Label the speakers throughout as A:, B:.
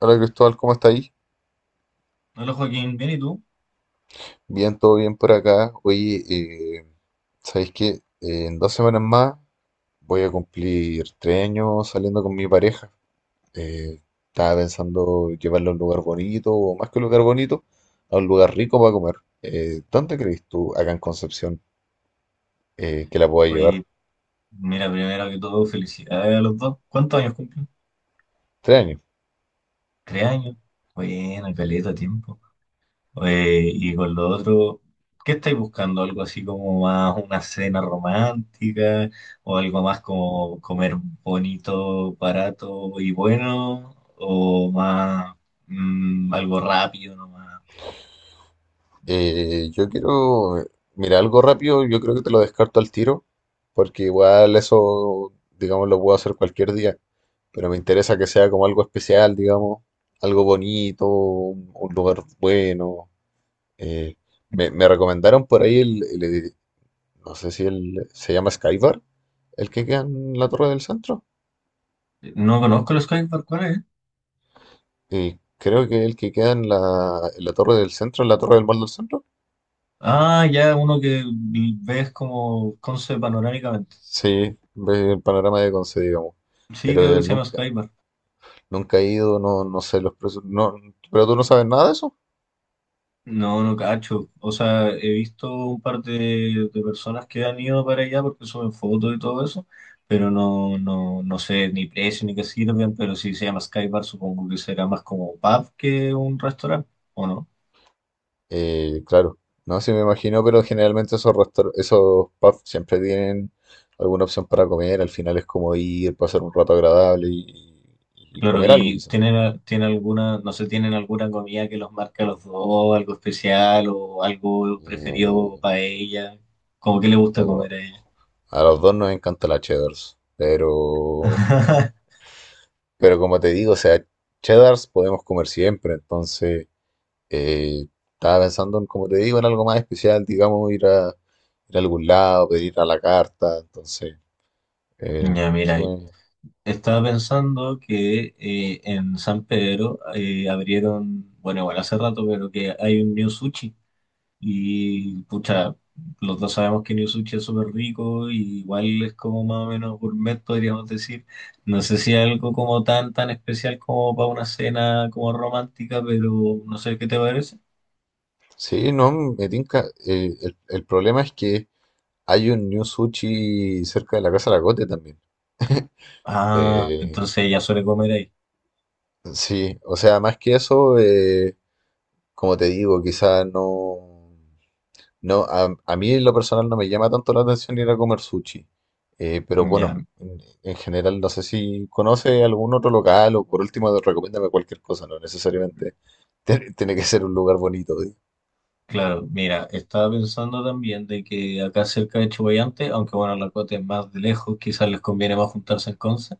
A: Hola Cristóbal, ¿cómo estáis?
B: Hola Joaquín, ¿bien y tú?
A: Bien, todo bien por acá. Oye, eh, ¿sabéis que en 2 semanas más voy a cumplir 3 años saliendo con mi pareja? Eh, Estaba pensando llevarla a un lugar bonito, o más que un lugar bonito, a un lugar rico para comer. ¿Dónde crees tú, acá en Concepción, que la pueda llevar?
B: Oye, mira, primero que todo, felicidades a los dos. ¿Cuántos años cumplen?
A: 3 años.
B: Tres años. Buena,
A: Sí.
B: caleta, tiempo. Oye, y con lo otro, ¿qué estáis buscando? ¿Algo así como más una cena romántica? ¿O algo más como comer bonito, barato y bueno? ¿O más algo rápido nomás?
A: Yo quiero, mira, algo rápido, yo creo que te lo descarto al tiro, porque igual eso, digamos, lo puedo hacer cualquier día, pero me interesa que sea como algo especial, digamos, algo bonito, un lugar bueno. eh, me recomendaron por ahí no sé si se llama Skybar, el que queda en la Torre del Centro.
B: No conozco los Skybar, ¿cuál es?
A: Y creo que el que queda en la Torre del Centro, en la Torre del Mall del Centro.
B: Ah, ya, uno que ves como concept panorámicamente.
A: Sí, ve el panorama de Conce, digamos.
B: Sí,
A: Pero
B: creo que se llama
A: nunca.
B: Skybar.
A: Nunca he ido, no, no sé los precios. No, pero tú no sabes nada de eso.
B: No, no cacho. O sea, he visto un par de personas que han ido para allá porque suben fotos y todo eso, pero no, no, no sé ni precio ni qué sirven, pero si se llama Skybar supongo que será más como un pub que un restaurante, ¿o no?
A: Claro, no, sí me imagino, pero generalmente esos pubs siempre tienen alguna opción para comer. Al final es como ir, pasar un rato agradable y
B: Claro,
A: comer algo,
B: y
A: quizás.
B: tienen, tiene alguna, no sé, tienen alguna comida que los marca a los dos, algo especial o algo preferido
A: Mm,
B: para ella, como que le gusta
A: no,
B: comer a ella.
A: a los dos nos encanta la cheddars, pero como te digo, o sea, cheddars podemos comer siempre, entonces. Eh, Estaba pensando en, como te digo, en algo más especial, digamos, ir a algún lado, pedir a la carta, entonces, eh,
B: Ya, mira,
A: eso me...
B: estaba pensando que en San Pedro abrieron, bueno, igual hace rato, pero que hay un New Sushi. Y pucha, los dos sabemos que New Sushi es súper rico y igual es como más o menos gourmet, podríamos decir. No sé si algo como tan, tan especial como para una cena como romántica, pero no sé qué te parece.
A: Sí, no, me tinca. El problema es que hay un New Sushi cerca de la Casa de la cote también.
B: Ah,
A: Eh,
B: entonces ella suele comer ahí.
A: sí, o sea, más que eso, como te digo, quizás no... No, a mí en lo personal no me llama tanto la atención ir a comer sushi. Pero
B: Ya,
A: bueno, en general no sé si conoce algún otro local o por último recomiéndame cualquier cosa, no necesariamente tiene que ser un lugar bonito. ¿Eh?
B: claro, mira, estaba pensando también de que acá cerca de Chuballante, aunque bueno, la cuota es más de lejos, quizás les conviene más juntarse en Conce.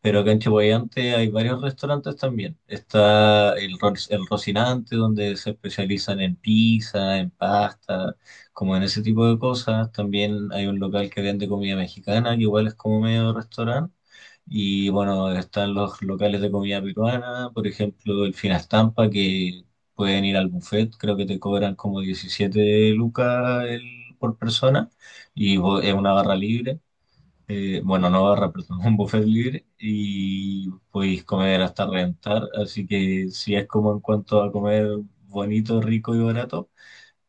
B: Pero acá en Chihuayante hay varios restaurantes también. Está el, Ro- el Rocinante, donde se especializan en pizza, en pasta, como en ese tipo de cosas. También hay un local que vende comida mexicana, que igual es como medio restaurante. Y bueno, están los locales de comida peruana, por ejemplo, el Finastampa, que pueden ir al buffet, creo que te cobran como 17 lucas el- por persona, y vo- es una barra libre, bueno, no barra, perdón, un buffet libre y podéis comer hasta reventar. Así que si es como en cuanto a comer bonito, rico y barato,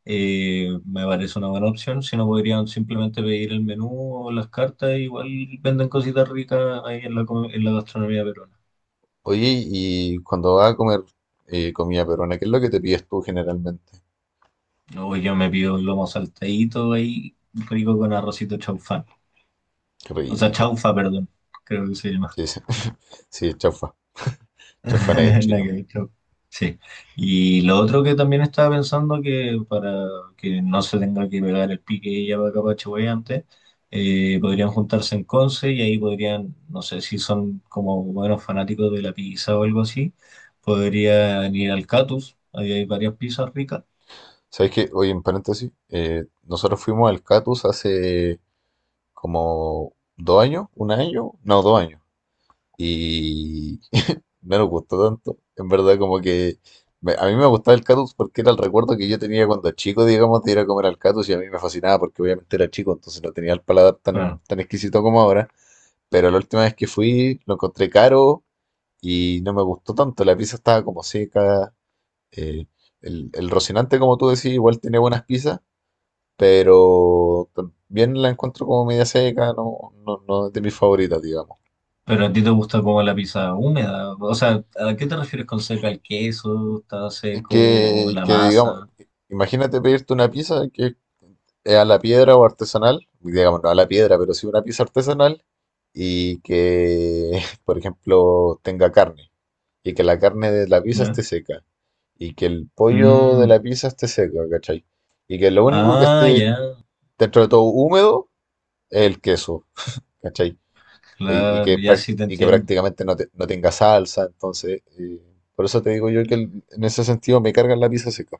B: me parece una buena opción. Si no, podrían simplemente pedir el menú o las cartas. Igual venden cositas ricas ahí en la, co- en la gastronomía peruana.
A: Oye, y cuando vas a comer comida peruana, ¿qué es lo que te pides tú generalmente?
B: Luego yo me pido un lomo saltadito ahí, rico con arrocito chaufán.
A: Qué
B: O sea,
A: rico.
B: chaufa, perdón, creo que se llama.
A: Sí, sí, sí, chaufa. Chaufa en el
B: Nada que
A: chino.
B: ver, chao. Sí. Y lo otro que también estaba pensando que para que no se tenga que pegar el pique ella para acá para Chihuahua antes, podrían juntarse en Conce y ahí podrían, no sé si son como buenos fanáticos de la pizza o algo así, podrían ir al Catus, ahí hay varias pizzas ricas.
A: ¿Sabes qué? Oye, en paréntesis, nosotros fuimos al Catus hace como 2 años, un año, no, 2 años. Y no nos gustó tanto. En verdad, como que a mí me gustaba el Catus porque era el recuerdo que yo tenía cuando chico, digamos, de ir a comer al Catus y a mí me fascinaba porque obviamente era chico, entonces no tenía el paladar tan,
B: Bueno,
A: tan exquisito como ahora. Pero la última vez que fui lo encontré caro y no me gustó tanto. La pizza estaba como seca. eh, el Rocinante, como tú decís, igual tiene buenas pizzas, pero también la encuentro como media seca, no, no, no es de mis favoritas, digamos.
B: pero a ti te gusta como la pizza húmeda, o sea, ¿a qué te refieres con seca? ¿El queso está
A: Y
B: seco o
A: Que,
B: la
A: que digamos,
B: masa?
A: imagínate pedirte una pizza que es a la piedra o artesanal, digamos, no a la piedra, pero sí una pizza artesanal y que, por ejemplo, tenga carne y que la carne de la pizza
B: ¿Ya?
A: esté seca y que el pollo
B: Mm.
A: de la pizza esté seco, ¿cachai? Y que lo único que
B: Ah,
A: esté
B: ya.
A: dentro de todo húmedo es el queso, ¿cachai? Y
B: Claro,
A: que,
B: ya sí te
A: y que
B: entiendo.
A: prácticamente no, no tenga salsa, entonces, por eso te digo yo que en ese sentido me cargan la pizza seca.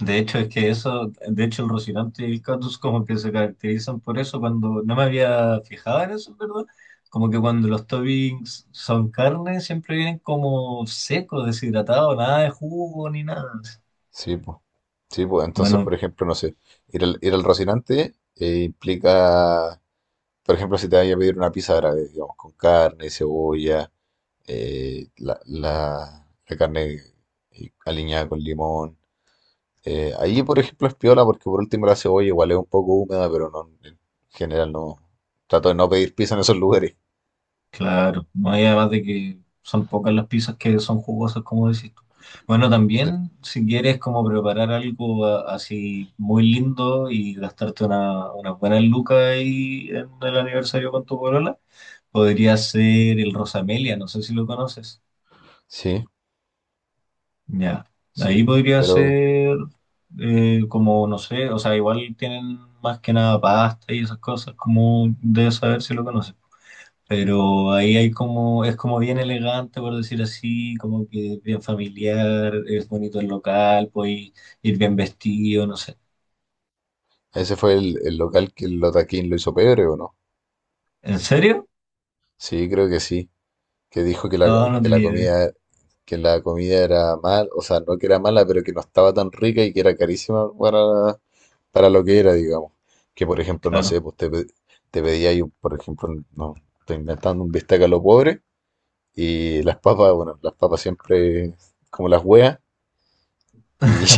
B: De hecho, es que eso, de hecho, el Rocinante y el Catus como que se caracterizan por eso cuando no me había fijado en eso, ¿verdad? Como que cuando los toppings son carne, siempre vienen como secos, deshidratados, nada de jugo ni nada.
A: Sí, pues. Sí, pues. Entonces,
B: Bueno,
A: por ejemplo, no sé, ir al Rocinante implica, por ejemplo, si te vayas a pedir una pizza árabe, digamos, con carne, cebolla, eh, la carne aliñada con limón. Ahí, por ejemplo, es piola porque por último la cebolla igual es un poco húmeda, pero no, en general no. Trato de no pedir pizza en esos lugares.
B: claro, no hay, además de que son pocas las pizzas que son jugosas, como decís tú. Bueno,
A: Sí,
B: también si quieres como preparar algo a- así muy lindo y gastarte una buena luca ahí en el aniversario con tu polola, podría ser el Rosamelia, no sé si lo conoces.
A: sí,
B: Ya, ahí
A: sí.
B: podría
A: Pero
B: ser, como, no sé, o sea, igual tienen más que nada pasta y esas cosas, como debes saber si lo conoces. Pero ahí hay como, es como bien elegante, por decir así, como que bien familiar, es bonito el local, puedes ir bien vestido, no sé.
A: ese fue el local que el Lotaquín lo hizo pebre, ¿o no?
B: ¿En serio?
A: Sí, creo que sí. Que dijo que la,
B: No, no
A: que la
B: tenía idea.
A: comida, que la comida era mal, o sea, no que era mala, pero que no estaba tan rica y que era carísima para lo que era, digamos. Que por ejemplo, no
B: Claro,
A: sé, te pedía yo, por ejemplo, no, estoy inventando un bistec a lo pobre y las papas, bueno, las papas siempre como las hueas y,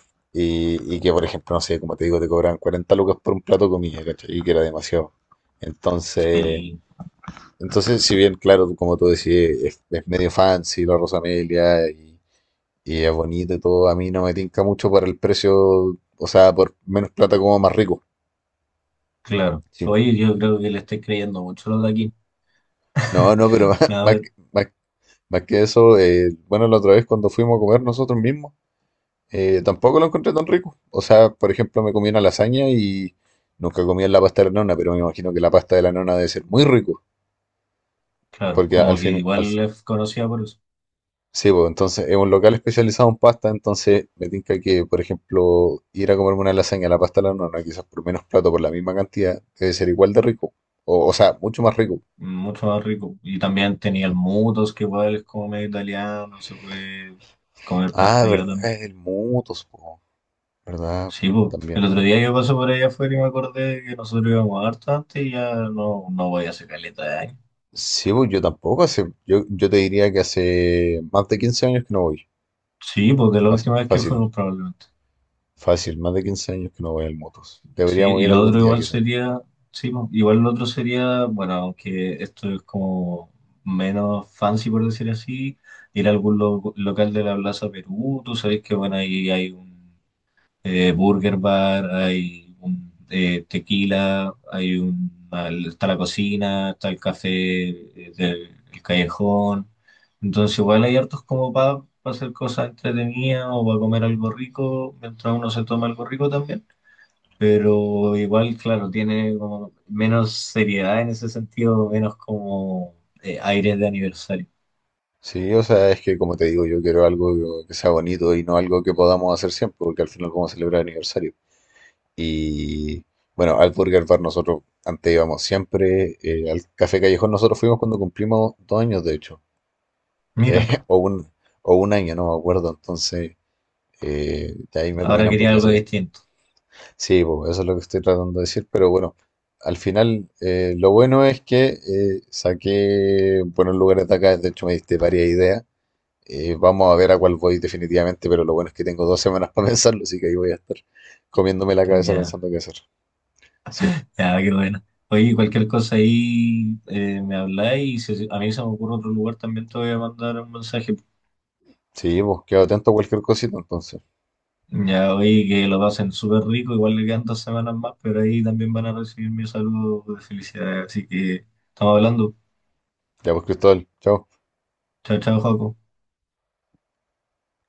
A: y que por ejemplo, no sé, como te digo, te cobraban 40 lucas por un plato de comida, ¿cachai? Y que era demasiado. Entonces,
B: sí,
A: Entonces, si bien, claro, como tú decís, es medio fancy la Rosa Amelia y es bonito y todo, a mí no me tinca mucho por el precio, o sea, por menos plata como más rico.
B: claro.
A: Sí.
B: Oye, yo creo que le estoy creyendo mucho lo de aquí.
A: No, no, pero
B: A ver,
A: más que eso, bueno, la otra vez cuando fuimos a comer nosotros mismos, tampoco lo encontré tan rico. O sea, por ejemplo, me comí una lasaña y nunca comí la pasta de la nona, pero me imagino que la pasta de la nona debe ser muy rico,
B: claro,
A: porque
B: como
A: al
B: que
A: fin, al
B: igual es conocida por eso,
A: sí, pues entonces es un local especializado en pasta, entonces me tinca que, por ejemplo, ir a comerme una lasaña a la pasta a la nona, quizás por menos plato, por la misma cantidad, debe ser igual de rico. O sea, mucho más rico.
B: mucho más rico. Y también tenía el Mutos, que igual es como medio italiano, se puede comer pasta
A: Ah,
B: allá
A: verdad,
B: también.
A: el Mutus, po, ¿verdad?
B: Sí, po. El
A: También.
B: otro día yo pasé por allá afuera y me acordé que nosotros íbamos harto antes y ya no, no voy a hacer caleta de años.
A: Sí, pues yo tampoco hace, yo te diría que hace más de 15 años que no voy.
B: Sí, porque la
A: Fácil,
B: última vez que
A: fácil,
B: fuimos probablemente.
A: fácil, más de 15 años que no voy al Mutus.
B: Sí,
A: Deberíamos
B: y
A: ir
B: lo
A: algún
B: otro
A: día
B: igual
A: quizás.
B: sería, sí, po, igual lo otro sería, bueno, aunque esto es como menos fancy por decir así, ir a algún lo- local de la Plaza Perú, tú sabes que bueno, ahí hay un, Burger Bar, hay un, tequila, hay un, está la cocina, está el café, del el callejón. Entonces igual hay hartos como para hacer cosas entretenidas o para comer algo rico, mientras uno se toma algo rico también. Pero igual, claro, tiene como menos seriedad en ese sentido, menos como aires de aniversario.
A: Sí, o sea, es que como te digo, yo quiero algo que sea bonito y no algo que podamos hacer siempre, porque al final vamos a celebrar aniversario. Y bueno, al Burger Bar nosotros antes íbamos siempre, al Café Callejón nosotros fuimos cuando cumplimos 2 años, de hecho, eh,
B: Mira,
A: o un, o un año, no me acuerdo, entonces de ahí me
B: ahora
A: comieran
B: quería
A: porque
B: algo
A: eso que...
B: distinto.
A: Sí, po, eso es lo que estoy tratando de decir, pero bueno, al final lo bueno es que saqué buenos lugares de acá, de hecho me diste varias ideas. Vamos a ver a cuál voy definitivamente, pero lo bueno es que tengo 2 semanas para pensarlo, así que ahí voy a estar comiéndome la cabeza
B: Ya.
A: pensando qué hacer. Sí,
B: Ya, qué bueno. Oye, cualquier cosa ahí me habláis y si a mí se me ocurre otro lugar también te voy a mandar un mensaje.
A: sí, pues quedo atento a cualquier cosita entonces.
B: Ya, oye, que lo pasen súper rico, igual le quedan 2 semanas más, pero ahí también van a recibir mi saludo de felicidad. Así que estamos hablando.
A: Ya pues, Cristóbal, chao.
B: Chao, chao, Joaco.